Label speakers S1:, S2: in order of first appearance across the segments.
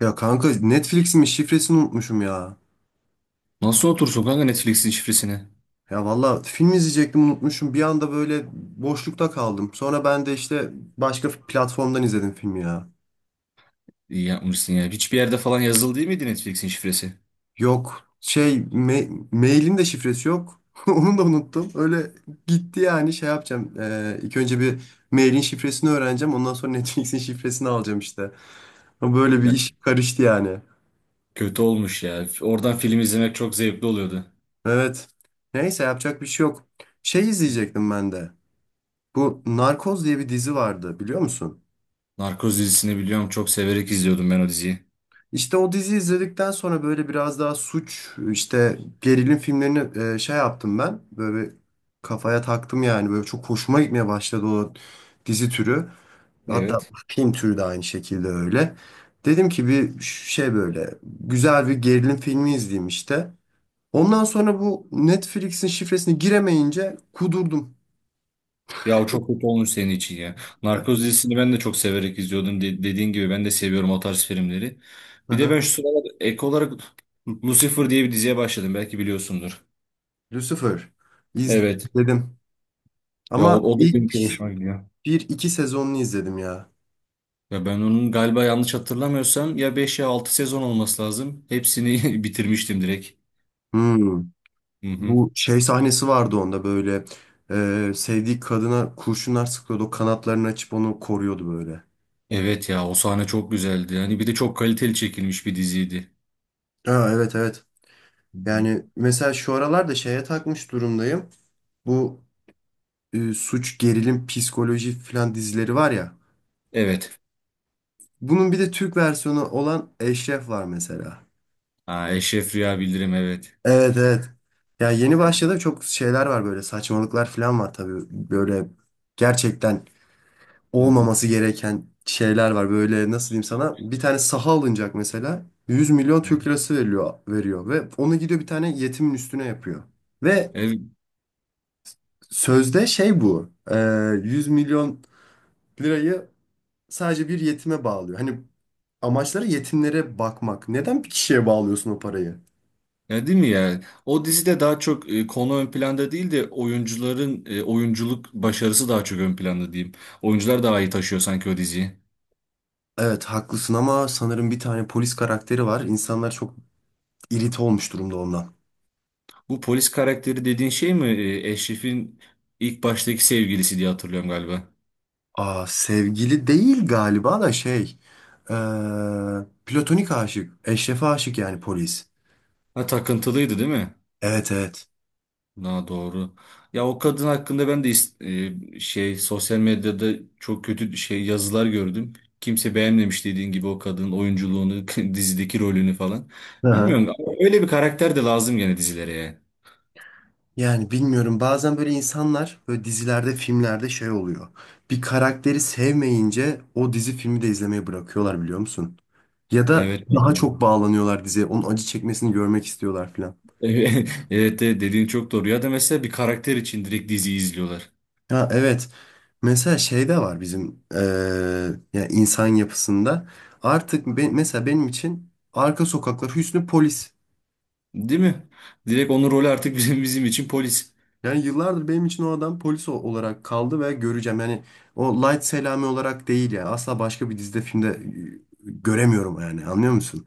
S1: Ya kanka Netflix'imin şifresini unutmuşum ya.
S2: Nasıl otursun kanka Netflix'in şifresini?
S1: Ya valla film izleyecektim unutmuşum. Bir anda böyle boşlukta kaldım. Sonra ben de işte başka platformdan izledim filmi ya.
S2: İyi yapmışsın ya. Hiçbir yerde falan yazılı değil miydi Netflix'in şifresi?
S1: Yok şey mailin de şifresi yok. Onu da unuttum. Öyle gitti yani şey yapacağım. İlk önce bir mailin şifresini öğreneceğim. Ondan sonra Netflix'in şifresini alacağım işte. Ama böyle bir
S2: Ya,
S1: iş karıştı yani.
S2: kötü olmuş ya. Oradan film izlemek çok zevkli oluyordu.
S1: Evet. Neyse yapacak bir şey yok. Şey izleyecektim ben de. Bu Narkoz diye bir dizi vardı biliyor musun?
S2: Narkoz dizisini biliyorum, çok severek izliyordum ben o diziyi.
S1: İşte o dizi izledikten sonra böyle biraz daha suç, işte gerilim filmlerini şey yaptım ben. Böyle bir kafaya taktım yani. Böyle çok hoşuma gitmeye başladı o dizi türü. Hatta
S2: Evet.
S1: film türü de aynı şekilde öyle. Dedim ki bir şey böyle güzel bir gerilim filmi izleyeyim işte. Ondan sonra bu Netflix'in şifresini giremeyince kudurdum.
S2: Ya o çok kötü olmuş senin için ya. Narkoz dizisini ben de çok severek izliyordum. Dediğin gibi ben de seviyorum o tarz filmleri.
S1: Hı
S2: Bir de
S1: hı.
S2: ben şu sıralar ek olarak Lucifer diye bir diziye başladım. Belki biliyorsundur.
S1: Lucifer
S2: Evet.
S1: izledim.
S2: Ya o,
S1: Ama
S2: o da benim çok
S1: ilk
S2: hoşuma gidiyor.
S1: bir iki sezonunu izledim ya.
S2: Ya ben onun, galiba yanlış hatırlamıyorsam, ya 5 ya 6 sezon olması lazım. Hepsini bitirmiştim direkt.
S1: Hmm.
S2: Hı hı.
S1: Bu şey sahnesi vardı onda böyle. Sevdiği kadına kurşunlar sıkıyordu. O kanatlarını açıp onu koruyordu böyle.
S2: Evet ya, o sahne çok güzeldi. Yani bir de çok kaliteli çekilmiş bir diziydi.
S1: Ha, evet evet.
S2: Hı hı.
S1: Yani mesela şu aralar da şeye takmış durumdayım. Bu suç, gerilim, psikoloji falan dizileri var ya.
S2: Evet.
S1: Bunun bir de Türk versiyonu olan Eşref var mesela.
S2: Ha, Eşref Rüya Bildirim, evet.
S1: Evet evet. Ya yeni
S2: Hı
S1: başladı çok şeyler var böyle saçmalıklar falan var tabii. Böyle gerçekten
S2: hı.
S1: olmaması gereken şeyler var. Böyle nasıl diyeyim sana? Bir tane saha alınacak mesela.
S2: Hı hı.
S1: 100 milyon Türk lirası veriliyor, veriyor ve onu gidiyor bir tane yetimin üstüne yapıyor. Ve
S2: Evet,
S1: sözde şey bu. 100 milyon lirayı sadece bir yetime bağlıyor. Hani amaçları yetimlere bakmak. Neden bir kişiye bağlıyorsun o parayı?
S2: ya değil mi ya? O dizide daha çok konu ön planda değil de oyuncuların oyunculuk başarısı daha çok ön planda diyeyim. Oyuncular daha iyi taşıyor sanki o diziyi.
S1: Evet haklısın ama sanırım bir tane polis karakteri var. İnsanlar çok irite olmuş durumda ondan.
S2: Bu polis karakteri dediğin şey mi? Eşref'in ilk baştaki sevgilisi diye hatırlıyorum galiba.
S1: Aa, sevgili değil galiba da şey. eee, platonik aşık. Eşref'e aşık yani polis.
S2: Ha, takıntılıydı değil mi?
S1: Evet evet.
S2: Daha doğru. Ya o kadın hakkında ben de şey, sosyal medyada çok kötü şey yazılar gördüm. Kimse beğenmemiş dediğin gibi o kadının oyunculuğunu, dizideki rolünü falan.
S1: Hı hı.
S2: Bilmiyorum ama öyle bir karakter de lazım gene dizilere ya.
S1: Yani bilmiyorum bazen böyle insanlar böyle dizilerde filmlerde şey oluyor. Bir karakteri sevmeyince o dizi filmi de izlemeyi bırakıyorlar biliyor musun? Ya da
S2: Evet. Yani
S1: daha çok
S2: bu.
S1: bağlanıyorlar diziye. Onun acı çekmesini görmek istiyorlar filan.
S2: Evet evet, dediğin çok doğru. Ya da mesela bir karakter için direkt diziyi izliyorlar.
S1: Ya evet. Mesela şey de var bizim yani insan yapısında. Artık mesela benim için Arka Sokaklar Hüsnü Polis.
S2: Değil mi? Direkt onun rolü artık bizim için polis.
S1: Yani yıllardır benim için o adam polis olarak kaldı ve göreceğim. Yani o Light Selami olarak değil ya. Asla başka bir dizide filmde göremiyorum yani. Anlıyor musun?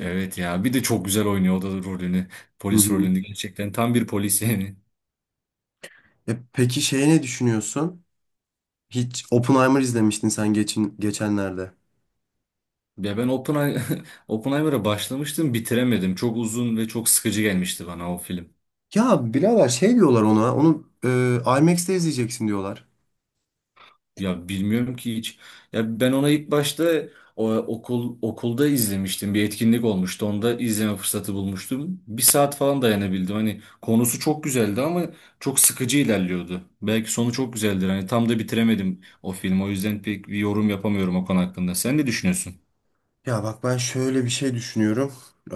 S2: Evet ya, bir de çok güzel oynuyor o da rolünü.
S1: Hı
S2: Polis
S1: hı.
S2: rolünü gerçekten tam bir polis yani.
S1: E peki şeye ne düşünüyorsun? Hiç Oppenheimer izlemiştin sen geçenlerde.
S2: Ya ben Oppenheimer'a başlamıştım, bitiremedim. Çok uzun ve çok sıkıcı gelmişti bana o film.
S1: Ya birader şey diyorlar ona. Onu IMAX'te izleyeceksin diyorlar.
S2: Ya, bilmiyorum ki hiç. Ya ben ona ilk başta okulda izlemiştim. Bir etkinlik olmuştu. Onda izleme fırsatı bulmuştum. Bir saat falan dayanabildim. Hani konusu çok güzeldi ama çok sıkıcı ilerliyordu. Belki sonu çok güzeldir. Hani tam da bitiremedim o filmi. O yüzden pek bir yorum yapamıyorum o konu hakkında. Sen ne düşünüyorsun?
S1: Ya bak ben şöyle bir şey düşünüyorum. Ee,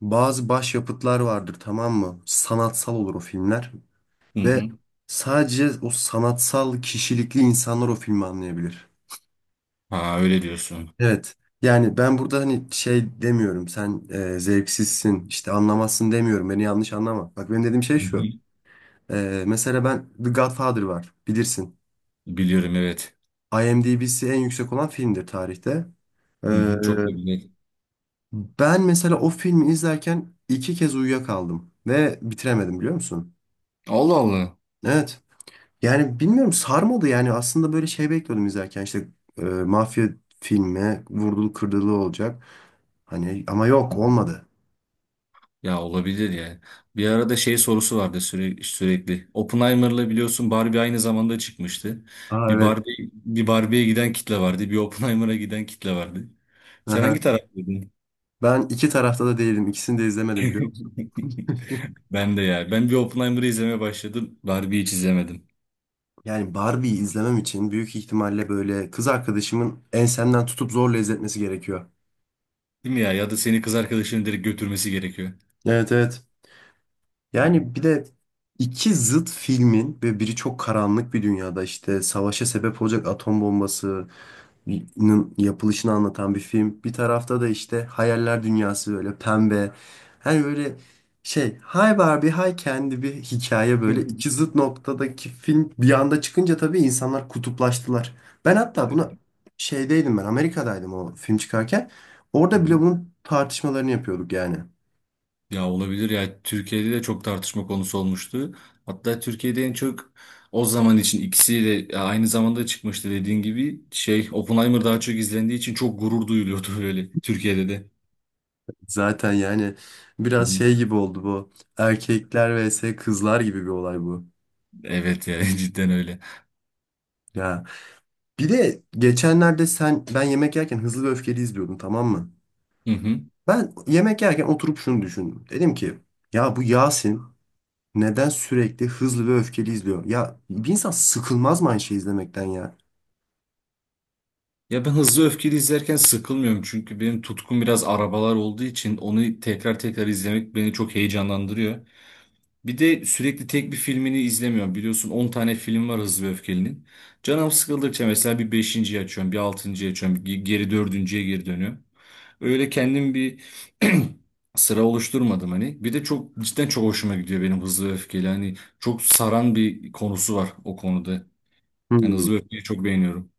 S1: bazı başyapıtlar vardır tamam mı? Sanatsal olur o filmler.
S2: Hı
S1: Ve
S2: hı.
S1: sadece o sanatsal kişilikli insanlar o filmi anlayabilir.
S2: Ha, öyle diyorsun.
S1: Evet. Yani ben burada hani şey demiyorum sen zevksizsin işte anlamazsın demiyorum beni yanlış anlama. Bak benim dediğim şey
S2: Hı
S1: şu.
S2: hı.
S1: Mesela ben The Godfather var bilirsin.
S2: Biliyorum, evet.
S1: IMDb'si en yüksek olan filmdir tarihte.
S2: Hı
S1: E,
S2: hı, çok da güzel.
S1: ben mesela o filmi izlerken iki kez uyuyakaldım ve bitiremedim biliyor musun?
S2: Allah Allah.
S1: Evet. Yani bilmiyorum sarmadı yani aslında böyle şey bekliyordum izlerken işte mafya filmi vurdulu kırdılı olacak. Hani ama yok olmadı.
S2: Ya olabilir ya. Bir arada şey sorusu vardı sürekli. Oppenheimer'la biliyorsun Barbie aynı zamanda çıkmıştı.
S1: Aa evet.
S2: Bir Barbie'ye giden kitle vardı. Bir Oppenheimer'a giden kitle vardı. Sen hangi
S1: Aha.
S2: taraftaydın?
S1: Ben iki tarafta da değilim. İkisini de izlemedim biliyor musun?
S2: Ben de ya. Ben bir Oppenheimer'ı izlemeye başladım. Barbie'yi hiç izlemedim.
S1: Yani Barbie'yi izlemem için büyük ihtimalle böyle kız arkadaşımın ensemden tutup zorla izletmesi gerekiyor.
S2: Değil mi ya? Ya da seni kız arkadaşının direkt götürmesi gerekiyor.
S1: Evet evet.
S2: Hı hı.
S1: Yani bir de iki zıt filmin ve biri çok karanlık bir dünyada işte savaşa sebep olacak atom bombası nın yapılışını anlatan bir film. Bir tarafta da işte hayaller dünyası böyle pembe. Hani böyle şey hay Barbie hay kendi bir hikaye
S2: Hı
S1: böyle iki zıt noktadaki film bir anda çıkınca tabii insanlar kutuplaştılar. Ben hatta bunu şeydeydim ben Amerika'daydım o film çıkarken. Orada bile
S2: hı.
S1: bunun tartışmalarını yapıyorduk yani.
S2: Ya olabilir ya, Türkiye'de de çok tartışma konusu olmuştu. Hatta Türkiye'de en çok o zaman için ikisiyle ya aynı zamanda çıkmıştı, dediğin gibi şey, Oppenheimer daha çok izlendiği için çok gurur duyuluyordu öyle Türkiye'de de.
S1: Zaten yani
S2: Hı
S1: biraz
S2: hı.
S1: şey gibi oldu bu. Erkekler vs kızlar gibi bir olay bu.
S2: Evet ya, cidden öyle.
S1: Ya. Bir de geçenlerde sen ben yemek yerken Hızlı ve Öfkeli izliyordum tamam mı?
S2: Hı hı.
S1: Ben yemek yerken oturup şunu düşündüm. Dedim ki ya bu Yasin neden sürekli Hızlı ve Öfkeli izliyor? Ya bir insan sıkılmaz mı aynı şeyi izlemekten ya?
S2: Ya ben Hızlı Öfkeli izlerken sıkılmıyorum çünkü benim tutkum biraz arabalar olduğu için onu tekrar tekrar izlemek beni çok heyecanlandırıyor. Bir de sürekli tek bir filmini izlemiyorum. Biliyorsun 10 tane film var Hızlı ve Öfkeli'nin. Canım sıkıldıkça mesela bir 5.'yi açıyorum, bir 6.'yı açıyorum, bir geri dördüncüye geri dönüyorum. Öyle kendim bir sıra oluşturmadım hani. Bir de çok cidden çok hoşuma gidiyor benim Hızlı ve Öfkeli. Hani çok saran bir konusu var o konuda. Yani
S1: Hmm.
S2: Hızlı ve Öfkeli'yi çok beğeniyorum.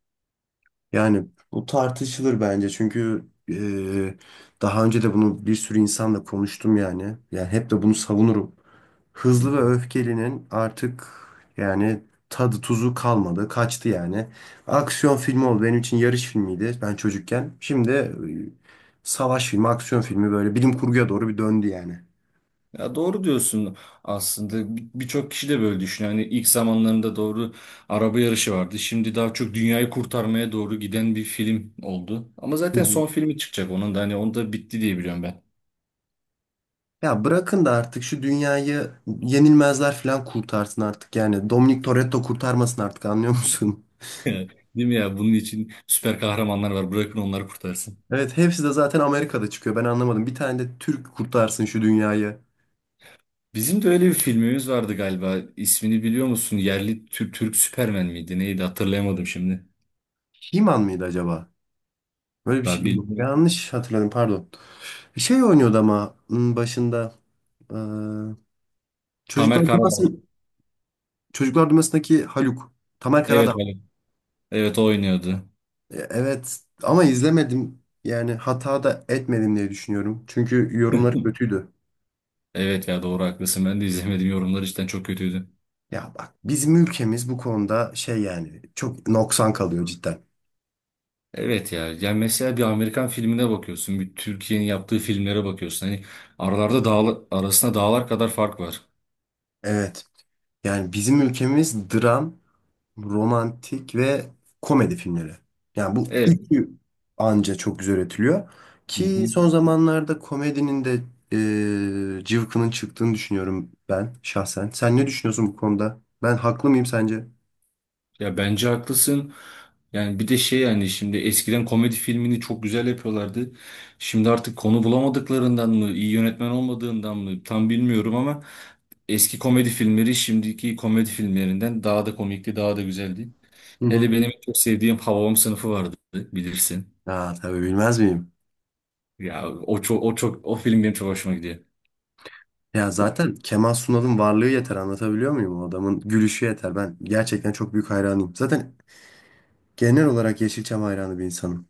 S1: Yani bu tartışılır bence çünkü e, daha önce de bunu bir sürü insanla konuştum yani. Yani hep de bunu savunurum. Hızlı ve Öfkeli'nin artık yani tadı tuzu kalmadı. Kaçtı yani. Aksiyon filmi oldu. Benim için yarış filmiydi ben çocukken. Şimdi savaş filmi, aksiyon filmi böyle bilim kurguya doğru bir döndü yani.
S2: Ya doğru diyorsun aslında. Birçok kişi de böyle düşünüyor. Hani ilk zamanlarında doğru araba yarışı vardı. Şimdi daha çok dünyayı kurtarmaya doğru giden bir film oldu. Ama
S1: Hı
S2: zaten
S1: hı.
S2: son filmi çıkacak, onun da hani onda bitti diye biliyorum ben.
S1: Ya bırakın da artık şu dünyayı yenilmezler falan kurtarsın artık yani. Dominic Toretto kurtarmasın artık anlıyor musun?
S2: Değil mi ya? Bunun için süper kahramanlar var. Bırakın onları kurtarsın.
S1: Evet hepsi de zaten Amerika'da çıkıyor. Ben anlamadım. Bir tane de Türk kurtarsın şu dünyayı.
S2: Bizim de öyle bir filmimiz vardı galiba. İsmini biliyor musun? Türk Süpermen miydi? Neydi? Hatırlayamadım şimdi.
S1: Himan mıydı acaba? Böyle bir şey
S2: Daha
S1: yok.
S2: bilmiyorum.
S1: Yanlış hatırladım pardon. Şey oynuyordu ama başında. Ee,
S2: Tamer
S1: Çocuklar
S2: Karadağlı.
S1: Dünyası, Çocuklar Dünyası'ndaki Haluk. Tamer
S2: Evet,
S1: Karadağ.
S2: evet. Evet o oynuyordu.
S1: Evet ama izlemedim. Yani hata da etmedim diye düşünüyorum. Çünkü yorumları kötüydü.
S2: Evet ya, doğru haklısın. Ben de izlemedim. Yorumlar cidden çok kötüydü.
S1: Ya bak bizim ülkemiz bu konuda şey yani çok noksan kalıyor cidden.
S2: Evet ya. Yani mesela bir Amerikan filmine bakıyorsun. Bir Türkiye'nin yaptığı filmlere bakıyorsun. Hani arasında dağlar kadar fark var.
S1: Evet. Yani bizim ülkemiz dram romantik ve komedi filmleri. Yani bu
S2: Evet.
S1: üçü anca çok güzel üretiliyor.
S2: Hı hı.
S1: Ki son zamanlarda komedinin de cıvkının çıktığını düşünüyorum ben şahsen. Sen ne düşünüyorsun bu konuda? Ben haklı mıyım sence?
S2: Ya bence haklısın. Yani bir de şey, yani şimdi eskiden komedi filmini çok güzel yapıyorlardı. Şimdi artık konu bulamadıklarından mı, iyi yönetmen olmadığından mı tam bilmiyorum ama eski komedi filmleri şimdiki komedi filmlerinden daha da komikti, daha da güzeldi.
S1: Hı hı.
S2: Hele benim çok sevdiğim Hababam Sınıfı vardı, bilirsin.
S1: Aa, tabii bilmez miyim?
S2: O film benim çok hoşuma gidiyor.
S1: Ya zaten Kemal Sunal'ın varlığı yeter anlatabiliyor muyum? O adamın gülüşü yeter. Ben gerçekten çok büyük hayranıyım. Zaten genel olarak Yeşilçam hayranı bir insanım.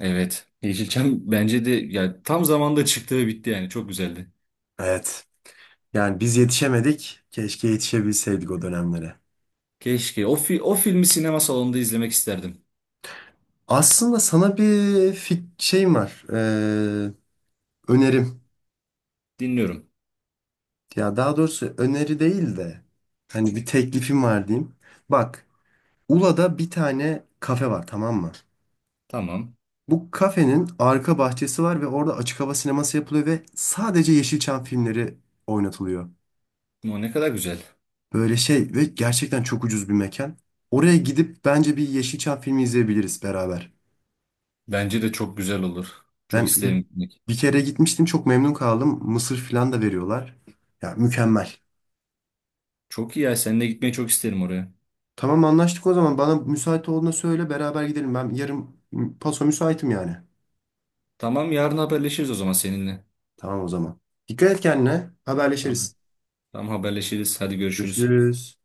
S2: Evet. Yeşilçam bence de ya tam zamanda çıktı ve bitti, yani çok güzeldi.
S1: Evet. Yani biz yetişemedik. Keşke yetişebilseydik o dönemlere.
S2: Keşke o filmi sinema salonunda izlemek isterdim.
S1: Aslında sana bir şeyim var. Önerim.
S2: Dinliyorum.
S1: Ya daha doğrusu öneri değil de hani bir teklifim var diyeyim. Bak, Ula'da bir tane kafe var tamam mı?
S2: Tamam.
S1: Bu kafenin arka bahçesi var ve orada açık hava sineması yapılıyor ve sadece Yeşilçam filmleri oynatılıyor.
S2: O ne kadar güzel.
S1: Böyle şey ve gerçekten çok ucuz bir mekan. Oraya gidip bence bir Yeşilçam filmi izleyebiliriz beraber.
S2: Bence de çok güzel olur. Çok
S1: Ben
S2: isterim
S1: bir,
S2: gitmek.
S1: bir kere gitmiştim çok memnun kaldım. Mısır falan da veriyorlar. Ya mükemmel.
S2: Çok iyi ya, seninle gitmeyi çok isterim oraya.
S1: Tamam anlaştık o zaman. Bana müsait olduğunda söyle beraber gidelim. Ben yarın paso müsaitim yani.
S2: Tamam, yarın haberleşiriz o zaman seninle.
S1: Tamam o zaman. Dikkat et kendine.
S2: Tamam.
S1: Haberleşiriz.
S2: Tamam, haberleşiriz. Hadi görüşürüz.
S1: Görüşürüz.